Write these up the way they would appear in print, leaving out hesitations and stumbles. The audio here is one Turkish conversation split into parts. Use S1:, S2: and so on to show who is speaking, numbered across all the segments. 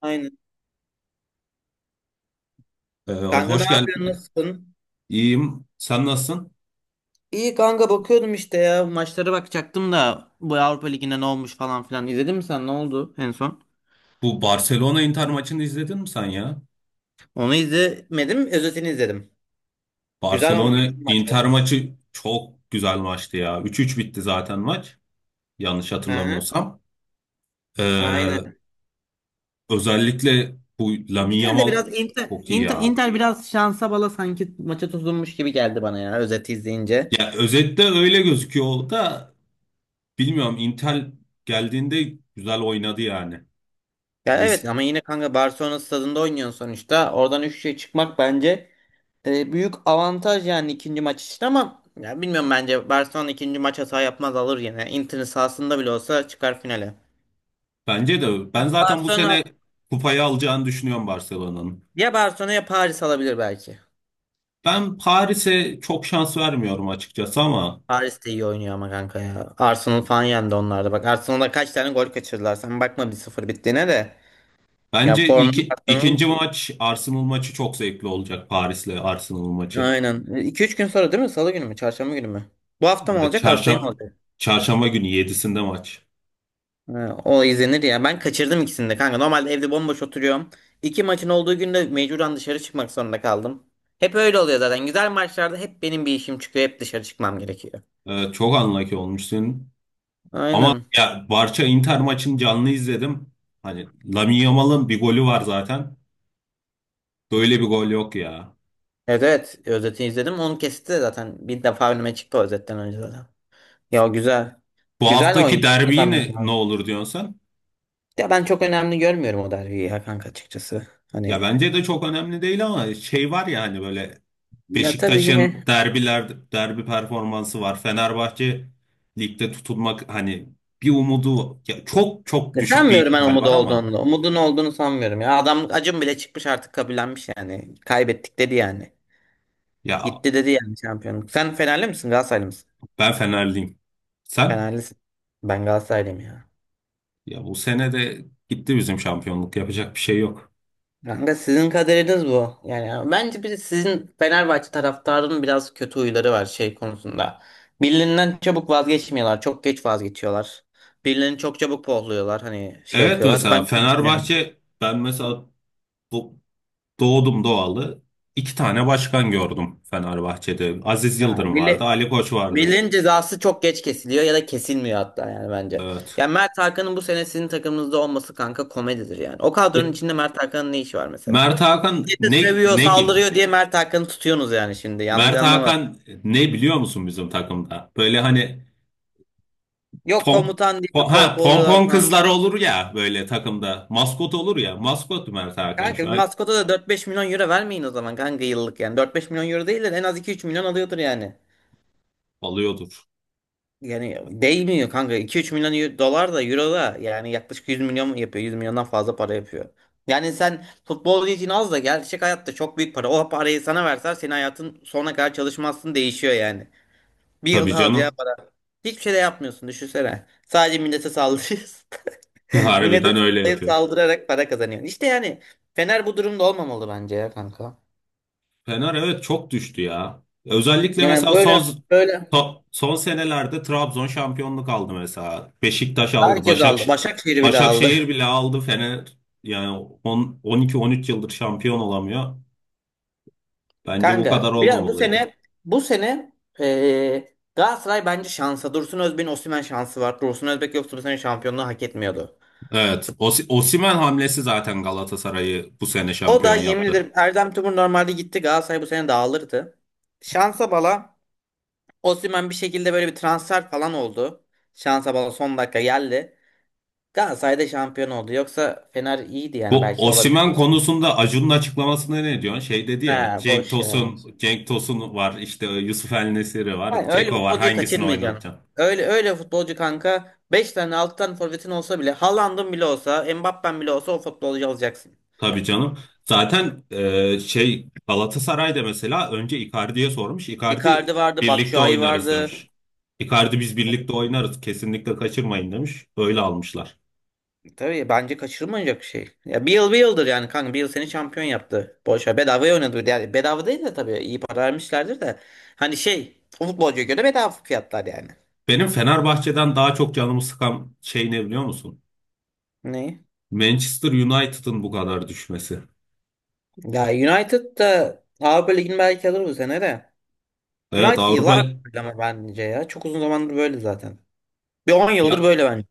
S1: Aynen. Kanka ne
S2: Hoş
S1: yapıyorsun?
S2: geldin.
S1: Nasılsın?
S2: İyiyim. Sen nasılsın?
S1: İyi kanka, bakıyordum işte ya. Maçlara bakacaktım da bu Avrupa Ligi'nde ne olmuş falan filan. İzledin mi sen? Ne oldu en son?
S2: Bu Barcelona Inter maçını izledin mi sen ya?
S1: Onu izlemedim. Özetini izledim. Güzel olmuş.
S2: Barcelona
S1: Güzel bir maç
S2: Inter
S1: olmuş.
S2: maçı çok güzel maçtı ya. 3-3 bitti zaten maç. Yanlış
S1: Hı hı.
S2: hatırlamıyorsam. Ee,
S1: Aynen.
S2: Özellikle bu Lamine
S1: Güzel de
S2: Yamal
S1: biraz Inter,
S2: çok iyi
S1: Inter,
S2: ya.
S1: Inter biraz şansa bala sanki maça tutunmuş gibi geldi bana ya özeti izleyince.
S2: Ya özette öyle gözüküyor o da bilmiyorum Inter geldiğinde güzel oynadı yani.
S1: Ya evet,
S2: Risk.
S1: ama yine kanka Barcelona stadında oynuyorsun sonuçta. Oradan 3 şey çıkmak bence e, büyük avantaj yani ikinci maç için. Ama ya bilmiyorum, bence Barcelona ikinci maç hata yapmaz, alır yine. Inter'in sahasında bile olsa çıkar finale.
S2: Bence de ben zaten bu sene
S1: Barcelona
S2: kupayı alacağını düşünüyorum Barcelona'nın.
S1: ya Barcelona ya Paris alabilir belki.
S2: Ben Paris'e çok şans vermiyorum açıkçası ama
S1: Paris de iyi oynuyor ama kanka ya. Arsenal falan yendi onlarda. Bak Arsenal'da kaç tane gol kaçırdılar. Sen bakma 1-0 bittiğine de. Ya
S2: bence
S1: formda Arsenal,
S2: ikinci maç Arsenal maçı çok zevkli olacak Paris'le Arsenal maçı.
S1: aynen. iki üç gün sonra değil mi? Salı günü mü? Çarşamba günü mü? Bu hafta mı olacak? Haftaya mı
S2: Çarşamba,
S1: olacak?
S2: Çarşamba günü yedisinde maç.
S1: Ha, o izlenir ya. Ben kaçırdım ikisini de kanka. Normalde evde bomboş oturuyorum. İki maçın olduğu günde mecburen dışarı çıkmak zorunda kaldım. Hep öyle oluyor zaten. Güzel maçlarda hep benim bir işim çıkıyor. Hep dışarı çıkmam gerekiyor.
S2: Çok unlucky olmuşsun. Ama
S1: Aynen.
S2: ya Barça Inter maçını canlı izledim. Hani Lamine Yamal'ın bir golü var zaten. Böyle bir gol yok ya.
S1: Evet evet, özeti izledim. Onu kesti de zaten. Bir defa önüme çıktı o özetten önce zaten. Ya güzel.
S2: Bu
S1: Güzel oynuyor.
S2: haftaki derbiyi
S1: Adam
S2: ne
S1: ya.
S2: olur diyorsun sen?
S1: Ya ben çok önemli görmüyorum o derbiyi ya kanka açıkçası.
S2: Ya
S1: Hani,
S2: bence de çok önemli değil ama şey var ya hani böyle
S1: ya tabii
S2: Beşiktaş'ın
S1: yine,
S2: derbi performansı var. Fenerbahçe ligde tutunmak hani bir umudu ya çok çok
S1: ne
S2: düşük bir
S1: sanmıyorum ben
S2: ihtimal
S1: Umut'u
S2: var ama
S1: olduğunu. Umudun olduğunu sanmıyorum ya. Adam acım bile çıkmış, artık kabullenmiş yani. Kaybettik dedi yani.
S2: ya
S1: Gitti dedi yani şampiyonluk. Sen Fenerli misin, Galatasaraylı mısın?
S2: ben Fenerliyim. Sen?
S1: Fenerlisin. Ben Galatasaraylıyım ya.
S2: Ya bu sene de gitti bizim şampiyonluk, yapacak bir şey yok.
S1: Kanka sizin kaderiniz bu. Yani bence bir sizin Fenerbahçe taraftarının biraz kötü huyları var şey konusunda. Birilerinden çabuk vazgeçmiyorlar. Çok geç vazgeçiyorlar. Birilerini çok çabuk pohluyorlar. Hani şey
S2: Evet
S1: yapıyorlar. Ben
S2: mesela
S1: öyle düşünüyorum.
S2: Fenerbahçe, ben mesela bu, doğdum doğalı iki tane başkan gördüm Fenerbahçe'de. Aziz
S1: Ha,
S2: Yıldırım vardı,
S1: bile.
S2: Ali Koç vardı.
S1: Miller'in cezası çok geç kesiliyor ya da kesilmiyor hatta yani bence.
S2: Evet.
S1: Yani Mert Hakan'ın bu sene sizin takımınızda olması kanka komedidir yani. O kadronun
S2: Ya,
S1: içinde Mert Hakan'ın ne işi var mesela?
S2: Mert Hakan
S1: Bir de seviyor,
S2: ne gibi?
S1: saldırıyor diye Mert Hakan'ı tutuyorsunuz yani şimdi. Yanlış
S2: Mert
S1: anlamadım.
S2: Hakan, ne biliyor musun bizim takımda? Böyle hani
S1: Yok
S2: pomp
S1: komutan diye pop oluyorlar
S2: pompon
S1: falan.
S2: kızlar olur ya böyle takımda. Maskot olur ya. Maskot Mert Hakan
S1: Kanka
S2: şu
S1: bir
S2: an
S1: maskota da 4-5 milyon euro vermeyin o zaman kanka, yıllık yani. 4-5 milyon euro değil de en az iki üç milyon alıyordur yani.
S2: alıyordur.
S1: Yani değmiyor kanka. 2 üç milyon dolar da euro da yani yaklaşık 100 milyon yapıyor. 100 milyondan fazla para yapıyor. Yani sen futbolcu için az da gerçek hayatta çok büyük para. O parayı sana verseler senin hayatın sonuna kadar çalışmazsın, değişiyor yani. Bir
S2: Tabii
S1: yılda alacağı
S2: canım.
S1: para. Hiçbir şey de yapmıyorsun düşünsene. Sadece millete saldırıyorsun. Millete
S2: Harbiden öyle
S1: sallayıp
S2: yapıyor.
S1: saldırarak para kazanıyorsun. İşte yani Fener bu durumda olmamalı bence ya kanka.
S2: Fener evet çok düştü ya. Özellikle
S1: Yani
S2: mesela
S1: böyle böyle
S2: son senelerde Trabzon şampiyonluk aldı mesela. Beşiktaş aldı.
S1: herkes aldı. Başakşehir bile aldı.
S2: Başakşehir bile aldı. Fener yani 10 12 13 yıldır şampiyon olamıyor. Bence bu
S1: Kanka
S2: kadar
S1: bir, bu
S2: olmamalıydı.
S1: sene bu sene Galatasaray bence şansa. Dursun Özbek'in Osimhen şansı var. Dursun Özbek yoksa bu sene şampiyonluğu hak etmiyordu.
S2: Evet. Osimhen hamlesi zaten Galatasaray'ı bu sene
S1: O da
S2: şampiyon
S1: yemin
S2: yaptı.
S1: ederim Erdem Tümur normalde gitti. Galatasaray bu sene dağılırdı. Şansa bala Osimhen bir şekilde böyle bir transfer falan oldu. Şansa bala son dakika geldi. Galatasaray da şampiyon oldu. Yoksa Fener iyiydi, yani
S2: Bu
S1: belki olabilir.
S2: Osimhen konusunda Acun'un açıklamasına ne diyorsun? Şey dedi ya
S1: He
S2: Cenk
S1: boş ya.
S2: Tosun, var işte, Yusuf El Nesiri var,
S1: Yani öyle
S2: Ceko var,
S1: futbolcuyu
S2: hangisini
S1: kaçırmayacaksın.
S2: oynatacaksın?
S1: Öyle futbolcu kanka, 5 tane 6 tane forvetin olsa bile, Haaland'ın bile olsa, Mbappen bile olsa o futbolcuyu alacaksın.
S2: Tabii canım. Zaten şey, Galatasaray'da mesela önce Icardi'ye sormuş. Icardi
S1: Icardi vardı,
S2: birlikte
S1: Batshuayi
S2: oynarız
S1: vardı.
S2: demiş. Icardi biz birlikte oynarız kesinlikle kaçırmayın demiş. Öyle almışlar.
S1: Tabii bence kaçırılmayacak bir şey. Ya bir yıl, bir yıldır yani kanka, bir yıl seni şampiyon yaptı. Boşa bedavaya oynadı. Yani bedava değil de tabii iyi para vermişlerdir de. Hani şey, o futbolcuya göre bedava fiyatlar yani.
S2: Benim Fenerbahçe'den daha çok canımı sıkan şey ne biliyor musun?
S1: Ne?
S2: Manchester United'ın bu kadar düşmesi.
S1: Ya United da Avrupa Ligi'ni belki alır bu sene de.
S2: Evet,
S1: United
S2: Avrupa
S1: yıllar, ama bence ya çok uzun zamandır böyle zaten. Bir 10 yıldır
S2: ya
S1: böyle bence.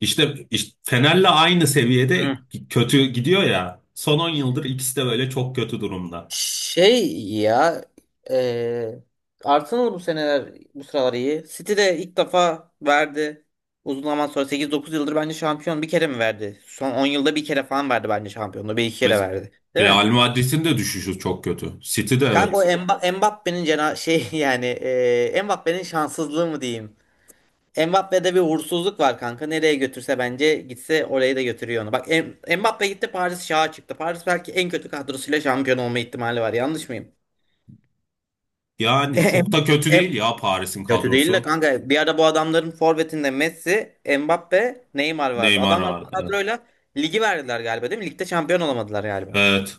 S2: işte Fener'le aynı seviyede
S1: Hı.
S2: kötü gidiyor ya. Son 10 yıldır ikisi de böyle çok kötü durumda.
S1: Şey ya, eee Arsenal bu seneler bu sıralar iyi. City de ilk defa verdi. Uzun zaman sonra sekiz dokuz yıldır bence şampiyon bir kere mi verdi? Son 10 yılda bir kere falan verdi bence şampiyonluğu. Bir iki kere
S2: Mes-
S1: verdi. Değil
S2: Real
S1: mi?
S2: Madrid'in de düşüşü çok kötü. City de
S1: Kanka o
S2: evet.
S1: Mbappé'nin cena şey, yani Mbappé'nin şanssızlığı mı diyeyim? Mbappe'de bir uğursuzluk var kanka. Nereye götürse bence gitse oraya da götürüyor onu. Bak Mbappe gitti, Paris şaha çıktı. Paris belki en kötü kadrosuyla şampiyon olma ihtimali var. Yanlış mıyım?
S2: Yani
S1: Em-
S2: çok da kötü değil
S1: em-
S2: ya Paris'in
S1: Kötü değil de
S2: kadrosu.
S1: kanka, bir ara bu adamların forvetinde Messi, Mbappe, Neymar vardı.
S2: Neymar
S1: Adamlar bu
S2: vardı. Evet.
S1: kadroyla ligi verdiler galiba değil mi? Ligde şampiyon olamadılar galiba.
S2: Evet.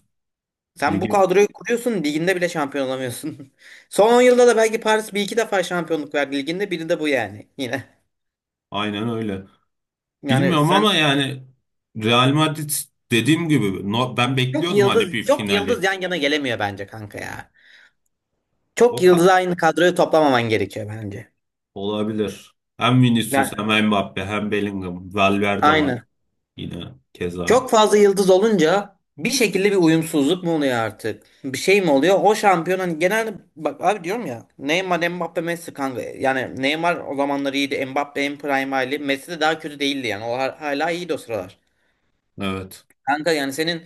S1: Sen bu
S2: Ligi
S1: kadroyu kuruyorsun, liginde bile şampiyon olamıyorsun. Son 10 yılda da belki Paris bir iki defa şampiyonluk verdi liginde, biri de bu yani yine.
S2: aynen öyle.
S1: Yani
S2: Bilmiyorum
S1: sen
S2: ama yani Real Madrid dediğim gibi, ben
S1: Çok
S2: bekliyordum hani
S1: yıldız,
S2: bir
S1: çok yıldız
S2: finali.
S1: yan yana gelemiyor bence kanka ya. Çok
S2: O kadar.
S1: yıldız aynı kadroyu toplamaman gerekiyor bence.
S2: Olabilir. Hem Vinicius
S1: Yani
S2: hem Mbappe hem Bellingham. Valverde var
S1: aynı.
S2: yine keza.
S1: Çok fazla yıldız olunca bir şekilde bir uyumsuzluk mu oluyor artık? Bir şey mi oluyor? O şampiyon, hani genelde bak abi, diyorum ya Neymar, Mbappe, Messi kanka. Yani Neymar o zamanlar iyiydi. Mbappe en prime hali. Messi de daha kötü değildi yani. O hala iyiydi o sıralar.
S2: Evet.
S1: Kanka yani senin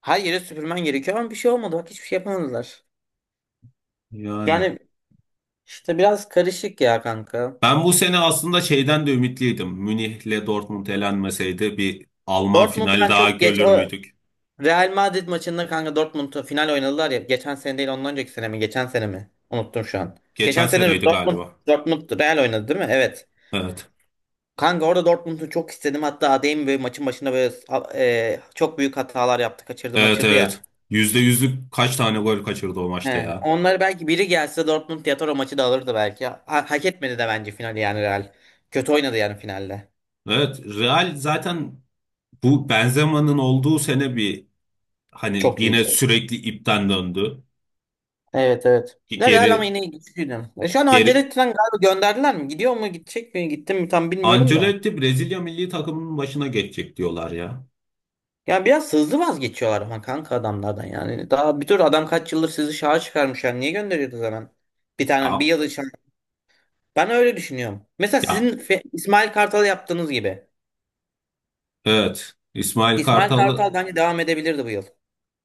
S1: her yere süpürmen gerekiyor ama bir şey olmadı. Bak hiçbir şey yapamadılar.
S2: Yani.
S1: Yani işte biraz karışık ya kanka.
S2: Ben bu sene aslında şeyden de ümitliydim. Münih'le Dortmund elenmeseydi bir Alman
S1: Dortmund,
S2: final
S1: ben
S2: daha
S1: çok geç
S2: görür
S1: o
S2: müydük?
S1: Real Madrid maçında kanka Dortmund'u final oynadılar ya. Geçen sene değil, ondan önceki sene mi? Geçen sene mi? Unuttum şu an. Geçen
S2: Geçen
S1: sene
S2: seneydi
S1: Dortmund,
S2: galiba.
S1: Dortmund Real oynadı değil mi? Evet.
S2: Evet.
S1: Kanka orada Dortmund'u çok istedim. Hatta Adeyemi böyle maçın başında böyle çok büyük hatalar yaptı. Kaçırdı
S2: Evet
S1: maçırdı
S2: evet.
S1: ya.
S2: Yüzde yüzlük kaç tane gol kaçırdı o maçta
S1: He.
S2: ya.
S1: Onları belki biri gelse Dortmund Yatoro maçı da alırdı belki. Hak etmedi de bence finali yani Real. Kötü oynadı yani finalde.
S2: Evet. Real zaten bu Benzema'nın olduğu sene bir hani
S1: Çok iyi.
S2: yine sürekli ipten döndü.
S1: Evet evet. Ya Real ama
S2: Geri
S1: yine güçlüydü. E şu an
S2: geri
S1: Ancelotti'den galiba gönderdiler mi? Gidiyor mu, gidecek mi? Gitti mi tam bilmiyorum da.
S2: Ancelotti Brezilya milli takımının başına geçecek diyorlar ya.
S1: Yani biraz hızlı vazgeçiyorlar ama kanka adamlardan yani. Daha bir tür adam kaç yıldır sizi şaha çıkarmış yani. Niye gönderiyordu zaman? Bir tane bir
S2: Ya,
S1: yıl için. Ben öyle düşünüyorum. Mesela sizin
S2: ya
S1: İsmail Kartal'ı yaptığınız gibi.
S2: evet. İsmail
S1: İsmail
S2: Kartal'ı
S1: Kartal bence devam edebilirdi bu yıl.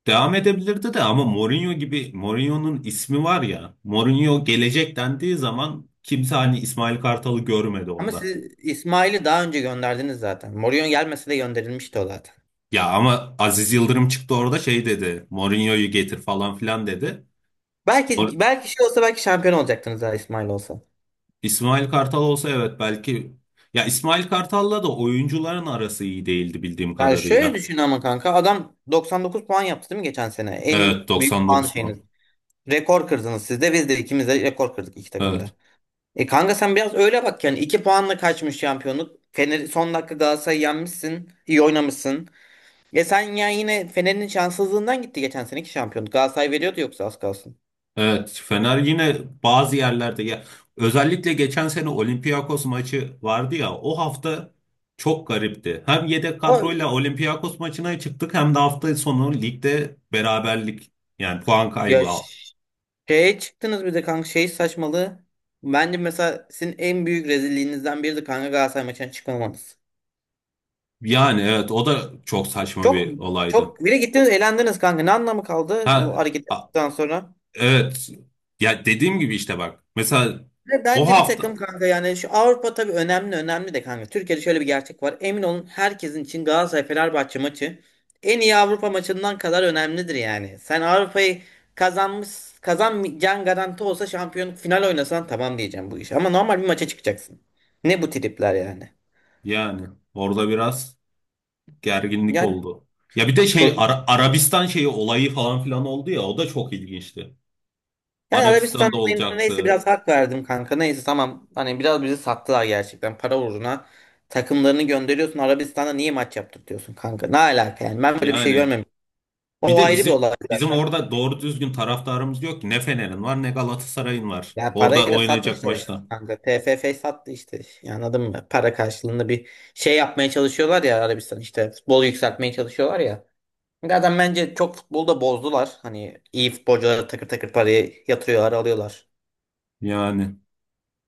S2: devam edebilirdi de ama Mourinho gibi, Mourinho'nun ismi var ya. Mourinho gelecek dendiği zaman kimse hani İsmail Kartal'ı görmedi
S1: Ama
S2: orada.
S1: siz İsmail'i daha önce gönderdiniz zaten. Mourinho gelmese de gönderilmişti o zaten.
S2: Ya ama Aziz Yıldırım çıktı orada şey dedi, Mourinho'yu getir falan filan dedi. Mor-
S1: Belki şey olsa belki şampiyon olacaktınız eğer İsmail olsa.
S2: İsmail Kartal olsa evet belki, ya İsmail Kartal'la da oyuncuların arası iyi değildi bildiğim
S1: Yani şöyle
S2: kadarıyla.
S1: düşün ama kanka, adam 99 puan yaptı değil mi geçen sene? En
S2: Evet,
S1: büyük puan
S2: 99 mu?
S1: şeyiniz. Rekor kırdınız, siz de biz de ikimiz de rekor kırdık iki takımda. E kanka sen biraz öyle bak yani, 2 puanla kaçmış şampiyonluk. Fener son dakika Galatasaray'ı yenmişsin. İyi oynamışsın. E sen ya yine Fener'in şanssızlığından gitti geçen seneki şampiyonluk. Galatasaray veriyordu yoksa az kalsın.
S2: Evet, Fener yine bazı yerlerde ya, özellikle geçen sene Olympiakos maçı vardı ya, o hafta çok garipti. Hem yedek
S1: O
S2: kadroyla Olympiakos maçına çıktık hem de hafta sonu ligde beraberlik, yani puan
S1: ya
S2: kaybı. Al-
S1: şeye çıktınız bir de kanka, şey saçmalığı. Bence mesela sizin en büyük rezilliğinizden biri de kanka Galatasaray maçına çıkmamanız.
S2: Yani evet, o da çok saçma
S1: Çok
S2: bir olaydı.
S1: çok bile gittiniz elendiniz kanka. Ne anlamı kaldı
S2: Ha
S1: bu hareket
S2: a-
S1: ettikten sonra?
S2: evet, ya dediğim gibi işte bak mesela
S1: Ve
S2: o
S1: bence bir takım
S2: hafta,
S1: kanka, yani şu Avrupa tabii önemli, önemli de kanka. Türkiye'de şöyle bir gerçek var. Emin olun herkesin için Galatasaray Fenerbahçe maçı en iyi Avrupa maçından kadar önemlidir yani. Sen Avrupa'yı kazanmış, kazanmayacağın garanti olsa, şampiyonluk final oynasan, tamam diyeceğim bu iş. Ama normal bir maça çıkacaksın. Ne bu tripler yani?
S2: yani orada biraz gerginlik
S1: Yani
S2: oldu. Ya bir de şey
S1: çocuk,
S2: Arabistan şeyi olayı falan filan oldu ya, o da çok ilginçti.
S1: yani Arabistan
S2: Arabistan'da
S1: olayına neyse
S2: olacaktı.
S1: biraz hak verdim kanka. Neyse tamam. Hani biraz bizi sattılar gerçekten. Para uğruna takımlarını gönderiyorsun. Arabistan'da niye maç yaptırtıyorsun kanka? Ne alaka yani? Ben böyle bir şey
S2: Yani
S1: görmemiştim.
S2: bir
S1: O
S2: de
S1: ayrı bir olay
S2: bizim
S1: zaten.
S2: orada doğru düzgün taraftarımız yok ki. Ne Fener'in var ne Galatasaray'ın var.
S1: Yani
S2: Orada
S1: parayla
S2: oynayacak
S1: satmışlar işte
S2: maçta.
S1: kanka. TFF sattı işte. Yani anladın mı? Para karşılığında bir şey yapmaya çalışıyorlar ya Arabistan işte. Futbol yükseltmeye çalışıyorlar ya. Zaten bence çok futbolda bozdular. Hani iyi futbolcuları takır takır parayı yatırıyorlar, alıyorlar.
S2: Yani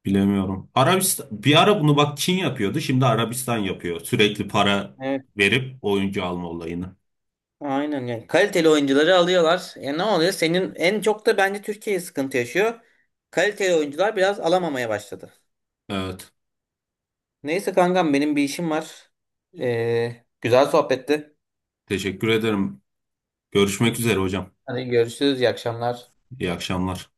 S2: bilemiyorum. Arabistan, bir ara bunu bak Çin yapıyordu. Şimdi Arabistan yapıyor. Sürekli para verip oyuncu alma olayını.
S1: Aynen yani kaliteli oyuncuları alıyorlar. E ne oluyor? Senin en çok da bence Türkiye sıkıntı yaşıyor. Kaliteli oyuncular biraz alamamaya başladı.
S2: Evet.
S1: Neyse kankam, benim bir işim var. Güzel sohbetti.
S2: Teşekkür ederim. Görüşmek üzere hocam.
S1: Hadi görüşürüz. İyi akşamlar.
S2: İyi akşamlar.